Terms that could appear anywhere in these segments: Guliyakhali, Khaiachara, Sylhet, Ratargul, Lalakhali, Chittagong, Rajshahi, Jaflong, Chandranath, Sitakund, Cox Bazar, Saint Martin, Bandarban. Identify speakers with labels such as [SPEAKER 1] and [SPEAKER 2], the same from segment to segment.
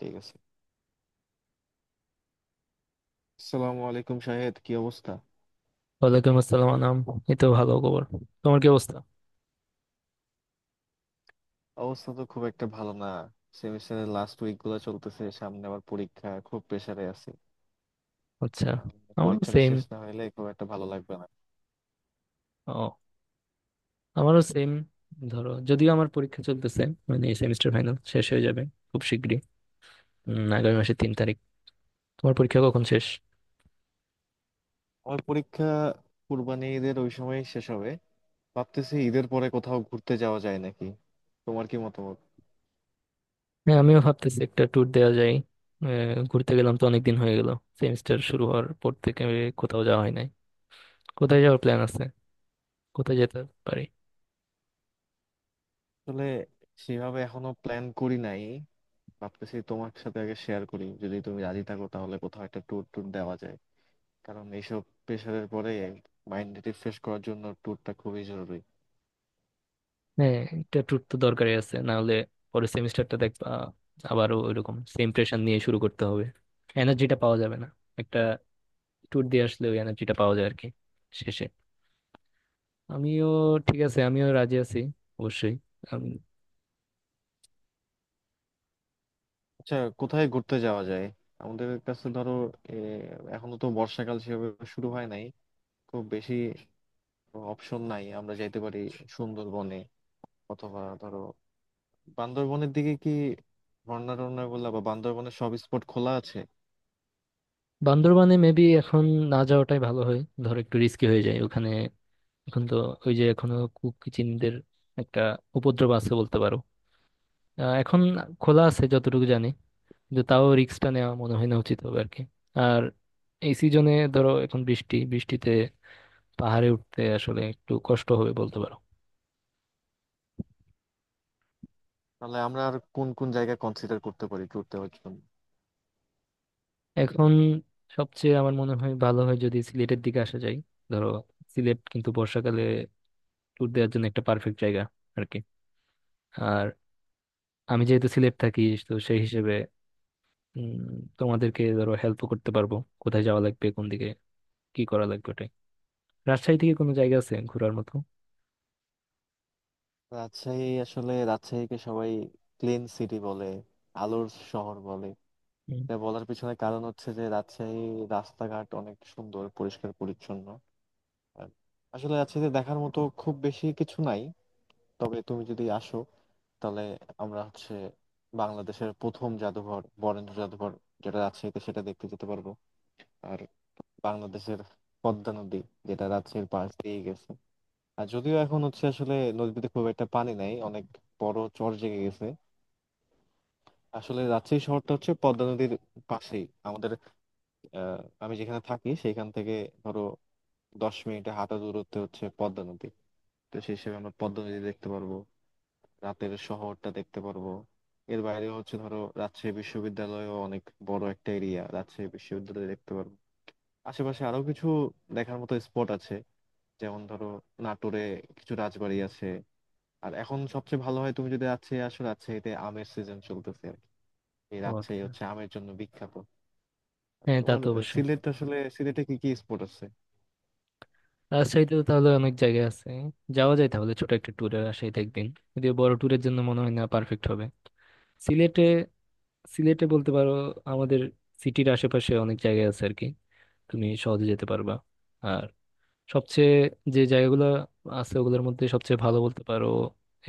[SPEAKER 1] ঠিক আছে। আসসালামু আলাইকুম, শাহেদ, কি অবস্থা?
[SPEAKER 2] ওয়ালাইকুম আসসালাম আনাম। এই তো ভালো খবর। তোমার কি অবস্থা?
[SPEAKER 1] অবস্থা তো খুব একটা ভালো না। সেমিস্টারের লাস্ট উইক গুলো চলতেছে, সামনে আবার পরীক্ষা, খুব প্রেসারে আছে।
[SPEAKER 2] আচ্ছা, আমারও
[SPEAKER 1] পরীক্ষাটা
[SPEAKER 2] সেম।
[SPEAKER 1] শেষ না হলে খুব একটা ভালো লাগবে না।
[SPEAKER 2] ও, আমারও সেম। ধরো যদিও আমার পরীক্ষা চলতেছে, মানে এই সেমিস্টার ফাইনাল শেষ হয়ে যাবে খুব শিগগিরই, আগামী মাসের 3 তারিখ। তোমার পরীক্ষা কখন শেষ?
[SPEAKER 1] আমার পরীক্ষা কুরবানি ঈদের ওই সময় শেষ হবে। ভাবতেছি ঈদের পরে কোথাও ঘুরতে যাওয়া যায় নাকি, তোমার কি মতামত?
[SPEAKER 2] হ্যাঁ, আমিও ভাবতেছি একটা ট্যুর দেওয়া যায়। ঘুরতে গেলাম তো অনেক দিন হয়ে গেল, সেমিস্টার শুরু হওয়ার পর থেকে কোথাও যাওয়া হয় নাই। কোথায় যাওয়ার প্ল্যান আছে? কোথায় যেতে পারি?
[SPEAKER 1] আসলে সেভাবে এখনো প্ল্যান করি নাই। ভাবতেছি তোমার সাথে আগে শেয়ার করি, যদি তুমি রাজি থাকো তাহলে কোথাও একটা ট্যুর ট্যুর দেওয়া যায়। কারণ এইসব প্রেশারের পরে মাইন্ড রিফ্রেশ করার জন্য ট্যুরটা খুবই জরুরি।
[SPEAKER 2] হ্যাঁ, এটা ট্যুর তো দরকারই আছে, না হলে পরের সেমিস্টারটা দেখবা আবারও ওইরকম সেম প্রেশার নিয়ে শুরু করতে হবে, এনার্জিটা পাওয়া যাবে না। একটা ট্যুর দিয়ে আসলে ওই এনার্জিটা পাওয়া যায় আর কি। শেষে আমিও, ঠিক আছে আমিও রাজি আছি, অবশ্যই। আমি
[SPEAKER 1] আচ্ছা, কোথায় ঘুরতে যাওয়া যায়? আমাদের কাছে ধরো এ, এখনো তো বর্ষাকাল সেভাবে শুরু হয় নাই, খুব বেশি অপশন নাই। আমরা যাইতে পারি সুন্দরবনে, অথবা ধরো বান্দরবনের দিকে। কি ঝর্ণা টর্ণা গুলা বা বান্দরবনের সব স্পট খোলা আছে?
[SPEAKER 2] বান্দরবানে মেবি এখন না যাওয়াটাই ভালো হয়, ধর একটু রিস্কি হয়ে যায় ওখানে এখন তো। ওই যে এখনো কুকি চিনদের একটা উপদ্রব আছে বলতে পারো। এখন খোলা আছে যতটুকু জানি, কিন্তু তাও রিস্কটা নেওয়া মনে হয় না উচিত হবে আর কি। আর এই সিজনে ধরো এখন বৃষ্টি বৃষ্টিতে পাহাড়ে উঠতে আসলে একটু কষ্ট হবে বলতে পারো।
[SPEAKER 1] তাহলে আমরা আর কোন কোন জায়গা কনসিডার করতে পারি ট্যুর দেওয়ার জন্য?
[SPEAKER 2] এখন সবচেয়ে আমার মনে হয় ভালো হয় যদি সিলেটের দিকে আসা যায়। ধরো সিলেট কিন্তু বর্ষাকালে ট্যুর দেওয়ার জন্য একটা পারফেক্ট জায়গা আর কি। আর আমি যেহেতু সিলেট থাকি, তো সেই হিসেবে উম, তোমাদেরকে ধরো হেল্প করতে পারবো কোথায় যাওয়া লাগবে, কোন দিকে কি করা লাগবে ওটাই। রাজশাহী থেকে কোনো জায়গা আছে ঘোরার মতো?
[SPEAKER 1] রাজশাহী, আসলে রাজশাহীকে সবাই ক্লিন সিটি বলে, আলোর শহর বলে।
[SPEAKER 2] হুম।
[SPEAKER 1] তা বলার পিছনে কারণ হচ্ছে যে রাজশাহী রাস্তাঘাট অনেক সুন্দর, পরিষ্কার পরিচ্ছন্ন। আর আসলে রাজশাহীতে দেখার মতো খুব বেশি কিছু নাই, তবে তুমি যদি আসো তাহলে আমরা হচ্ছে বাংলাদেশের প্রথম জাদুঘর, বরেন্দ্র জাদুঘর, যেটা রাজশাহীতে, সেটা দেখতে যেতে পারবো। আর বাংলাদেশের পদ্মা নদী, যেটা রাজশাহীর পাশ দিয়ে গেছে। আর যদিও এখন হচ্ছে আসলে নদীতে খুব একটা পানি নাই, অনেক বড় চর জেগে গেছে। আসলে রাজশাহী শহরটা হচ্ছে পদ্মা নদীর পাশেই। আমাদের আহ, আমি যেখানে থাকি সেখান থেকে ধরো 10 মিনিটে হাঁটা দূরত্বে হচ্ছে পদ্মা নদী। তো সেই হিসেবে আমরা পদ্মা নদী দেখতে পারবো, রাতের শহরটা দেখতে পারবো। এর বাইরে হচ্ছে ধরো রাজশাহী বিশ্ববিদ্যালয়ও অনেক বড় একটা এরিয়া, রাজশাহী বিশ্ববিদ্যালয় দেখতে পারবো। আশেপাশে আরো কিছু দেখার মতো স্পট আছে, যেমন ধরো নাটোরে কিছু রাজবাড়ি আছে। আর এখন সবচেয়ে ভালো হয় তুমি যদি রাজশাহী আসো, রাজশাহীতে আমের সিজন চলতেছে আর কি। এই
[SPEAKER 2] ও
[SPEAKER 1] রাজশাহী
[SPEAKER 2] আচ্ছা,
[SPEAKER 1] হচ্ছে আমের জন্য বিখ্যাত।
[SPEAKER 2] হ্যাঁ তা
[SPEAKER 1] তোমার
[SPEAKER 2] তো অবশ্যই।
[SPEAKER 1] সিলেট, আসলে সিলেটে কি কি স্পট আছে?
[SPEAKER 2] রাজশাহীতে তো তাহলে অনেক জায়গা আছে, যাওয়া যায় তাহলে ছোট একটা ট্যুরে রাজশাহীতে একদিন, যদিও বড় ট্যুরের জন্য মনে হয় না পারফেক্ট হবে। সিলেটে সিলেটে বলতে পারো আমাদের সিটির আশেপাশে অনেক জায়গা আছে আর কি, তুমি সহজে যেতে পারবা। আর সবচেয়ে যে জায়গাগুলো আছে ওগুলোর মধ্যে সবচেয়ে ভালো বলতে পারো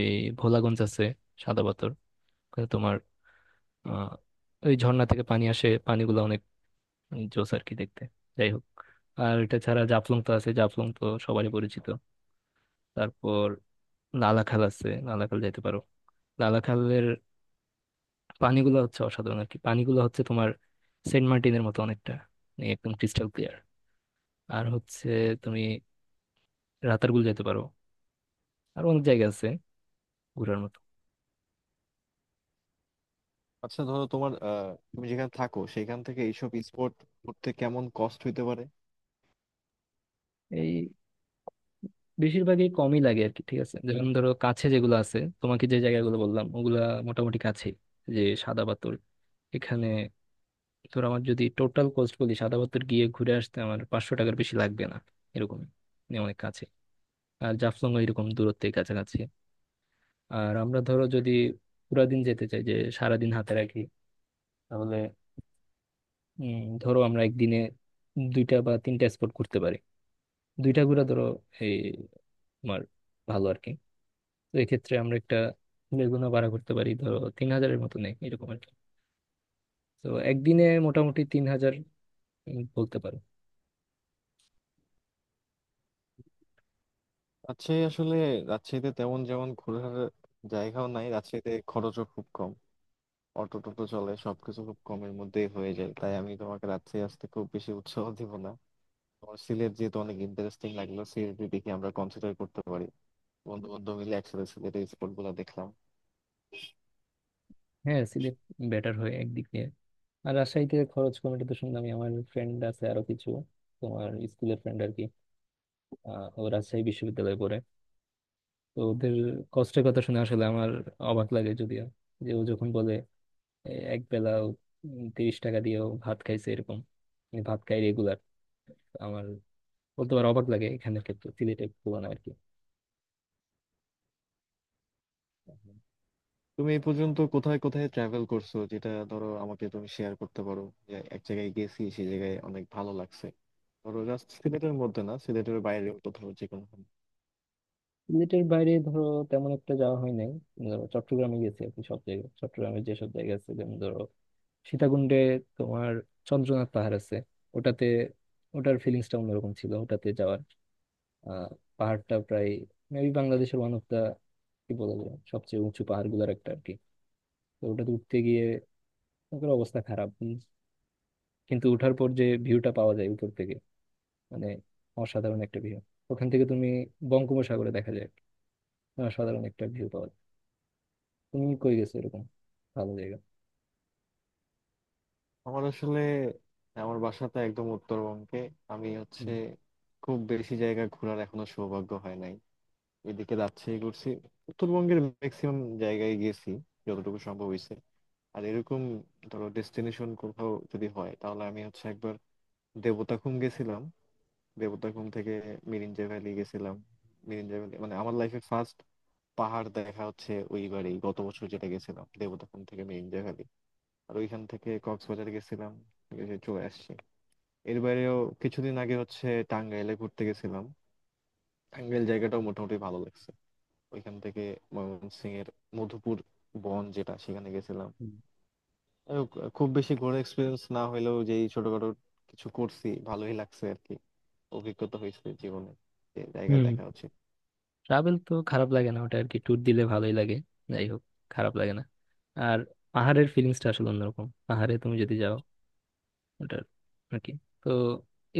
[SPEAKER 2] এই ভোলাগঞ্জ আছে, সাদা পাথর। ওখানে তোমার আহ ওই ঝর্ণা থেকে পানি আসে, পানিগুলো অনেক জোস আর কি দেখতে। যাই হোক, আর এটা ছাড়া জাফলং তো আছে, জাফলং তো সবারই পরিচিত। তারপর লালাখাল আছে, লালাখাল যাইতে পারো। লালাখালের পানিগুলো হচ্ছে অসাধারণ আর কি, পানিগুলো হচ্ছে তোমার সেন্ট মার্টিনের মতো অনেকটা, মানে একদম ক্রিস্টাল ক্লিয়ার। আর হচ্ছে তুমি রাতারগুল যেতে পারো, আর অনেক জায়গা আছে ঘোরার মতো।
[SPEAKER 1] আচ্ছা ধরো তোমার তুমি যেখানে থাকো সেখান থেকে এইসব স্পোর্ট করতে কেমন কস্ট হইতে পারে?
[SPEAKER 2] এই বেশিরভাগই কমই লাগে আর কি, ঠিক আছে। যেমন ধরো কাছে যেগুলো আছে, তোমাকে যে জায়গাগুলো বললাম ওগুলা মোটামুটি কাছে। যে সাদা পাথর এখানে, ধর আমার যদি টোটাল কস্ট বলি সাদা পাথর গিয়ে ঘুরে আসতে আমার 500 টাকার বেশি লাগবে না এরকম, মানে অনেক কাছে। আর জাফলং এরকম দূরত্বে কাছাকাছি। আর আমরা ধরো যদি পুরা দিন যেতে চাই, যে সারাদিন হাতে রাখি, তাহলে ধরো আমরা একদিনে দুইটা বা তিনটা স্পট ঘুরতে পারি। দুইটা ঘুরা ধরো এই তোমার ভালো আর কি। তো এক্ষেত্রে আমরা একটা লেগুনা ভাড়া করতে পারি, ধরো 3,000-এর মতো নেই এরকম আর কি। তো একদিনে মোটামুটি 3,000, বলতে পারো।
[SPEAKER 1] রাজশাহী, আসলে রাজশাহীতে তেমন যেমন ঘোরার জায়গাও নাই, রাজশাহীতে খরচও খুব কম, অটো টোটো চলে, সবকিছু খুব কমের মধ্যেই হয়ে যায়। তাই আমি তোমাকে রাজশাহী আসতে খুব বেশি উৎসাহ দিব না। তোমার সিলেট যেহেতু অনেক ইন্টারেস্টিং লাগলো, সিলেট দেখি আমরা কনসিডার করতে পারি। বন্ধু বন্ধু মিলে একসাথে সিলেটের স্পোর্ট গুলো দেখলাম।
[SPEAKER 2] হ্যাঁ সিলেট বেটার হয় একদিক দিয়ে। আর রাজশাহীতে খরচ কমিটি তো শুনলাম, আমার ফ্রেন্ড আছে আরো কিছু, তোমার স্কুলের ফ্রেন্ড আর কি। ও রাজশাহী বিশ্ববিদ্যালয়ে পড়ে, তো ওদের কষ্টের কথা শুনে আসলে আমার অবাক লাগে যদিও। যে ও যখন বলে এক বেলা 30 টাকা দিয়েও ভাত খাইছে এরকম, মানে ভাত খাই রেগুলার, আমার বলতে পারো অবাক লাগে এখানের ক্ষেত্রে সিলেটের তুলনায় আর কি।
[SPEAKER 1] তুমি এই পর্যন্ত কোথায় কোথায় ট্রাভেল করছো, যেটা ধরো আমাকে তুমি শেয়ার করতে পারো, যে এক জায়গায় গেছি সেই জায়গায় অনেক ভালো লাগছে, ধরো জাস্ট সিলেটের মধ্যে না, সিলেটের বাইরে কোথাও যে কোনো।
[SPEAKER 2] সিলেটের বাইরে ধরো তেমন একটা যাওয়া হয় নাই। ধরো চট্টগ্রামে গেছি আর কি, সব জায়গায় চট্টগ্রামের যেসব জায়গা আছে, যেমন ধরো সীতাকুণ্ডে তোমার চন্দ্রনাথ পাহাড় আছে, ওটাতে ওটার ফিলিংসটা অন্যরকম ছিল ওটাতে যাওয়ার। আহ পাহাড়টা প্রায় মেবি বাংলাদেশের ওয়ান অফ দা, কি বলা যায়, সবচেয়ে উঁচু পাহাড়গুলোর একটা আর কি। তো ওটাতে উঠতে গিয়ে ওটার অবস্থা খারাপ, কিন্তু উঠার পর যে ভিউটা পাওয়া যায় উপর থেকে, মানে অসাধারণ একটা ভিউ। ওখান থেকে তুমি বঙ্গোপসাগরে দেখা যায়, অসাধারণ একটা ভিউ পাওয়া যায়। তুমি কই গেছো এরকম ভালো জায়গা?
[SPEAKER 1] আমার আসলে আমার বাসাটা একদম উত্তরবঙ্গে, আমি হচ্ছে
[SPEAKER 2] হুম।
[SPEAKER 1] খুব বেশি জায়গা ঘোরার এখনো সৌভাগ্য হয় নাই। এদিকে রাজশাহী ঘুরছি, উত্তরবঙ্গের ম্যাক্সিমাম জায়গায় গেছি যতটুকু সম্ভব হয়েছে। আর এরকম ধরো ডেস্টিনেশন কোথাও যদি হয় তাহলে আমি হচ্ছে একবার দেবতাখুম গেছিলাম, দেবোত্তর থেকে মিরিঞ্জা ভ্যালি গেছিলাম। মিরিঞ্জা ভ্যালি মানে আমার লাইফে ফার্স্ট পাহাড় দেখা হচ্ছে ওইবারই, গত বছর, যেটা গেছিলাম দেবোত্তর থেকে মিরিঞ্জা ভ্যালি। আর ওইখান থেকে কক্সবাজার গেছিলাম, এসে চলে আসছি। এর বাইরেও কিছুদিন আগে হচ্ছে টাঙ্গাইলে ঘুরতে গেছিলাম, টাঙ্গাইল জায়গাটাও মোটামুটি ভালো লাগছে। ওইখান থেকে ময়মনসিং এর মধুপুর বন, যেটা সেখানে গেছিলাম।
[SPEAKER 2] হুম।
[SPEAKER 1] আহ, খুব বেশি ঘোরার এক্সপিরিয়েন্স না হলেও যেই ছোটখাটো কিছু করছি ভালোই লাগছে আর কি, অভিজ্ঞতা হয়েছে জীবনে, যে জায়গায়
[SPEAKER 2] হুম,
[SPEAKER 1] দেখা হচ্ছে।
[SPEAKER 2] ট্রাভেল তো খারাপ লাগে না ওটা আর কি, ট্যুর দিলে ভালোই লাগে। যাই হোক, খারাপ লাগে না। আর পাহাড়ের ফিলিংসটা আসলে অন্যরকম, পাহাড়ে তুমি যদি যাও ওটার আর কি। তো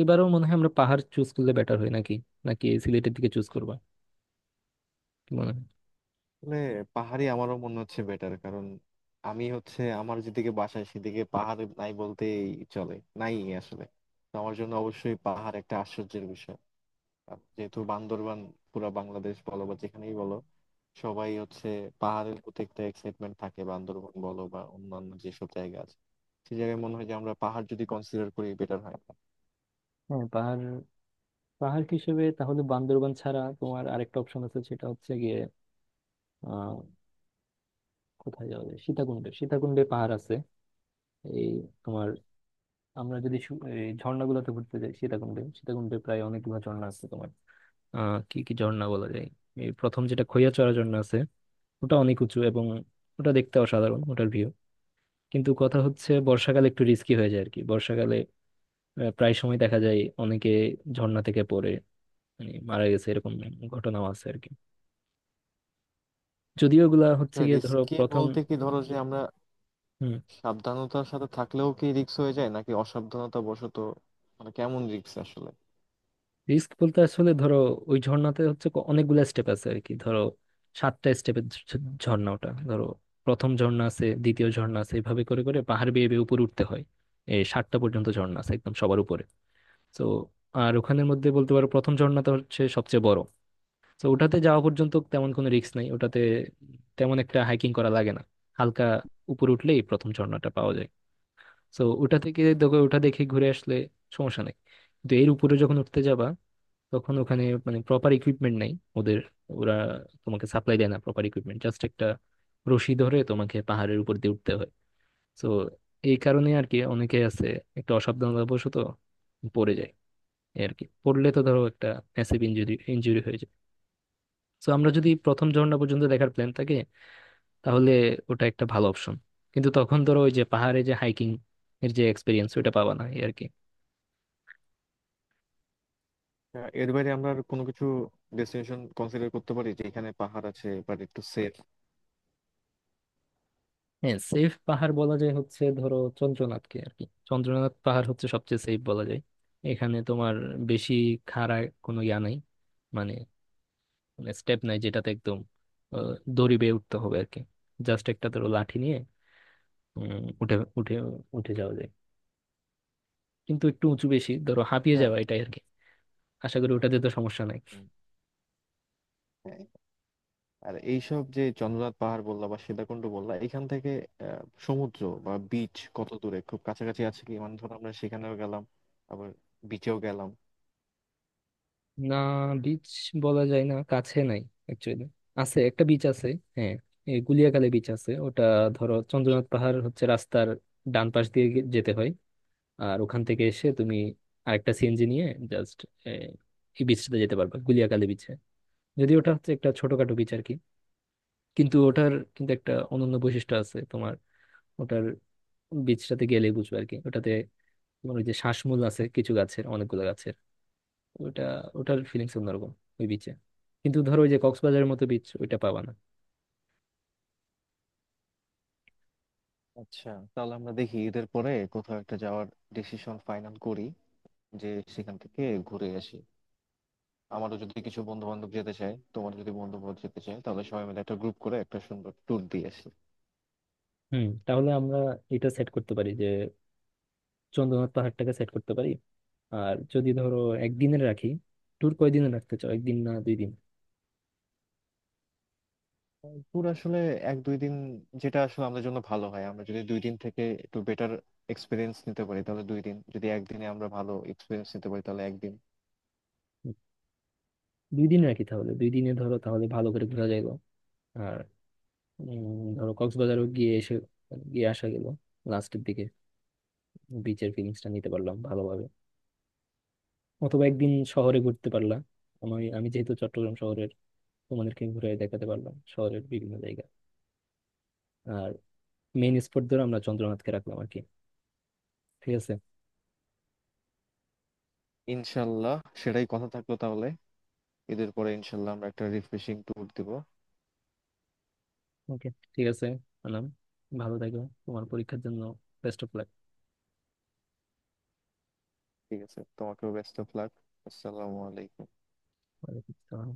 [SPEAKER 2] এবারও মনে হয় আমরা পাহাড় চুজ করলে বেটার হয় নাকি, নাকি সিলেটের দিকে চুজ করবা, কি মনে হয়?
[SPEAKER 1] আসলে পাহাড়ি আমারও মনে হচ্ছে বেটার, কারণ আমি হচ্ছে আমার যেদিকে বাসায় সেদিকে পাহাড় নাই বলতেই চলে, নাই আসলে। তো আমার জন্য অবশ্যই পাহাড় একটা আশ্চর্যের বিষয়। আর যেহেতু বান্দরবান, পুরা বাংলাদেশ বলো বা যেখানেই বলো, সবাই হচ্ছে পাহাড়ের প্রতি একটা এক্সাইটমেন্ট থাকে, বান্দরবান বলো বা অন্যান্য যেসব জায়গা আছে, সেই জায়গায় মনে হয় যে আমরা পাহাড় যদি কনসিডার করি বেটার হয়।
[SPEAKER 2] হ্যাঁ, পাহাড় পাহাড় হিসেবে তাহলে বান্দরবান ছাড়া তোমার আরেকটা অপশন আছে, সেটা হচ্ছে গিয়ে আহ কোথায় যাওয়া যায়, সীতাকুণ্ডে। সীতাকুণ্ডে পাহাড় আছে এই তোমার। আমরা যদি এই ঝর্ণাগুলোতে ঘুরতে যাই সীতাকুণ্ডে, সীতাকুণ্ডে প্রায় অনেকগুলো ঝর্ণা আছে তোমার। কি কি ঝর্ণা বলা যায়, এই প্রথম যেটা খৈয়াচড়া ঝর্ণা আছে, ওটা অনেক উঁচু এবং ওটা দেখতে অসাধারণ ওটার ভিউ। কিন্তু কথা হচ্ছে বর্ষাকালে একটু রিস্কি হয়ে যায় আর কি। বর্ষাকালে প্রায় সময় দেখা যায় অনেকে ঝর্ণা থেকে পড়ে, মানে মারা গেছে এরকম ঘটনাও আছে আর কি। যদিও এগুলা হচ্ছে গিয়ে ধরো
[SPEAKER 1] রিস্কি
[SPEAKER 2] প্রথম।
[SPEAKER 1] বলতে কি, ধরো যে আমরা
[SPEAKER 2] হুম।
[SPEAKER 1] সাবধানতার সাথে থাকলেও কি রিস্ক হয়ে যায় নাকি অসাবধানতা বশত? মানে কেমন রিস্ক আসলে?
[SPEAKER 2] রিস্ক বলতে আসলে ধরো ওই ঝর্ণাতে হচ্ছে অনেকগুলা স্টেপ আছে আর কি। ধরো সাতটা স্টেপের ঝর্ণা ওটা, ধরো প্রথম ঝর্ণা আছে, দ্বিতীয় ঝর্ণা আছে, এভাবে করে করে পাহাড় বেয়ে বেয়ে উপরে উঠতে হয় এই সাতটা পর্যন্ত। ঝর্ণা আছে একদম সবার উপরে তো। আর ওখানের মধ্যে বলতে পারো প্রথম ঝর্ণাটা হচ্ছে সবচেয়ে বড়। তো ওটাতে যাওয়া পর্যন্ত তেমন কোনো রিস্ক নাই, ওটাতে তেমন একটা হাইকিং করা লাগে না, হালকা উপরে উঠলেই প্রথম ঝর্ণাটা পাওয়া যায়। তো ওটা থেকে দেখো, ওটা দেখে ঘুরে আসলে সমস্যা নেই। কিন্তু এর উপরে যখন উঠতে যাবা তখন ওখানে মানে প্রপার ইকুইপমেন্ট নাই ওদের। ওরা তোমাকে সাপ্লাই দেয় না প্রপার ইকুইপমেন্ট, জাস্ট একটা রশি ধরে তোমাকে পাহাড়ের উপর দিয়ে উঠতে হয়। তো এই কারণে আর কি অনেকে আছে একটা অসাবধানতাবশত পড়ে যায় এই আর কি। পড়লে তো ধরো একটা ম্যাসিভ ইঞ্জুরি ইঞ্জুরি হয়ে যায়। তো আমরা যদি প্রথম ঝর্ণা পর্যন্ত দেখার প্ল্যান থাকে, তাহলে ওটা একটা ভালো অপশন। কিন্তু তখন ধরো ওই যে পাহাড়ে যে হাইকিং এর যে এক্সপিরিয়েন্স ওটা পাবা না এই আর কি।
[SPEAKER 1] এর বাইরে আমরা আর কোনো কিছু ডেস্টিনেশন কনসিডার করতে পারি যে এখানে পাহাড় আছে বাট একটু সেফ?
[SPEAKER 2] হ্যাঁ, সেফ পাহাড় বলা যায় হচ্ছে ধরো চন্দ্রনাথকে আর কি। চন্দ্রনাথ পাহাড় হচ্ছে সবচেয়ে সেফ বলা যায়। এখানে তোমার বেশি খাড়া কোনো ইয়া নাই, মানে স্টেপ নাই যেটাতে একদম আহ, দড়ি বেয়ে উঠতে হবে আর কি। জাস্ট একটা ধরো লাঠি নিয়ে উঠে উঠে উঠে যাওয়া যায়। কিন্তু একটু উঁচু বেশি, ধরো হাঁপিয়ে
[SPEAKER 1] হ্যাঁ।
[SPEAKER 2] যাওয়া এটাই আর কি। আশা করি ওটাতে তো সমস্যা নাই।
[SPEAKER 1] হুম, হ্যাঁ। আর এইসব যে চন্দ্রনাথ পাহাড় বললা বা সীতাকুণ্ড বললা, এখান থেকে আহ, সমুদ্র বা বিচ কত দূরে? খুব কাছাকাছি আছে কি? মানে ধরো আমরা সেখানেও গেলাম, আবার বিচেও গেলাম।
[SPEAKER 2] না, বিচ বলা যায় না, কাছে নাই। অ্যাকচুয়ালি আছে, একটা বিচ আছে। হ্যাঁ, এই গুলিয়াখালী বিচ আছে ওটা। ধরো চন্দ্রনাথ পাহাড় হচ্ছে রাস্তার ডান পাশ দিয়ে যেতে হয়। আর ওখান থেকে এসে তুমি আরেকটা সিএনজি নিয়ে জাস্ট এই বিচটাতে যেতে পারবে, গুলিয়াখালী বিচে। যদি ওটা হচ্ছে একটা ছোটখাটো বিচ আর কি, কিন্তু ওটার কিন্তু একটা অনন্য বৈশিষ্ট্য আছে তোমার। ওটার বিচটাতে গেলেই বুঝবে আর কি। ওটাতে তোমার ওই যে শ্বাসমূল আছে কিছু গাছের, অনেকগুলো গাছের, ওটা, ওটার ফিলিংস অন্যরকম ওই বিচে। কিন্তু ধরো ওই যে কক্সবাজারের মতো বিচ ওইটা পাবা না।
[SPEAKER 1] আচ্ছা, তাহলে আমরা দেখি ঈদের পরে কোথাও একটা যাওয়ার ডিসিশন ফাইনাল করি, যে সেখান থেকে ঘুরে আসি। আমারও যদি কিছু বন্ধু বান্ধব যেতে চায়, তোমার যদি বন্ধু বান্ধব যেতে চায়, তাহলে সবাই মিলে একটা গ্রুপ করে একটা সুন্দর ট্যুর দিয়ে আসি।
[SPEAKER 2] হুম, তাহলে আমরা এটা সেট করতে পারি যে চন্দ্রনাথ পাহাড়টাকে সেট করতে পারি। আর যদি ধরো একদিনের রাখি, ট্যুর কয়দিনে রাখতে চাও, একদিন না 2 দিন?
[SPEAKER 1] ট্যুর আসলে এক দুই দিন, যেটা আসলে আমাদের জন্য ভালো হয়। আমরা যদি 2 দিন থেকে একটু বেটার এক্সপিরিয়েন্স নিতে পারি তাহলে 2 দিন, যদি একদিনে আমরা ভালো এক্সপিরিয়েন্স নিতে পারি তাহলে একদিন।
[SPEAKER 2] হুম, 2 দিন রাখি তাহলে, 2 দিনে ধরো তাহলে ভালো করে ঘোরা যাইল। আর ধরো কক্সবাজারও গিয়ে এসে, গিয়ে আসা গেল লাস্টের দিকে, বিচের ফিলিংসটা নিতে পারলাম ভালোভাবে। অথবা একদিন শহরে ঘুরতে পারলাম, আমি আমি যেহেতু চট্টগ্রাম শহরের, তোমাদেরকে ঘুরে দেখাতে পারলাম শহরের বিভিন্ন জায়গা। আর মেইন স্পট ধরে আমরা চন্দ্রনাথকে রাখলাম আর কি। ঠিক আছে।
[SPEAKER 1] ইনশাল্লাহ, সেটাই কথা থাকলো তাহলে। ঈদের পরে ইনশাল্লাহ আমরা একটা রিফ্রেশিং ট্যুর দিব।
[SPEAKER 2] ওকে, ঠিক আছে আনাম, ভালো থাকো। তোমার পরীক্ষার জন্য বেস্ট অফ
[SPEAKER 1] ঠিক আছে, তোমাকেও বেস্ট অফ লাক। আসসালামু আলাইকুম।
[SPEAKER 2] লাক।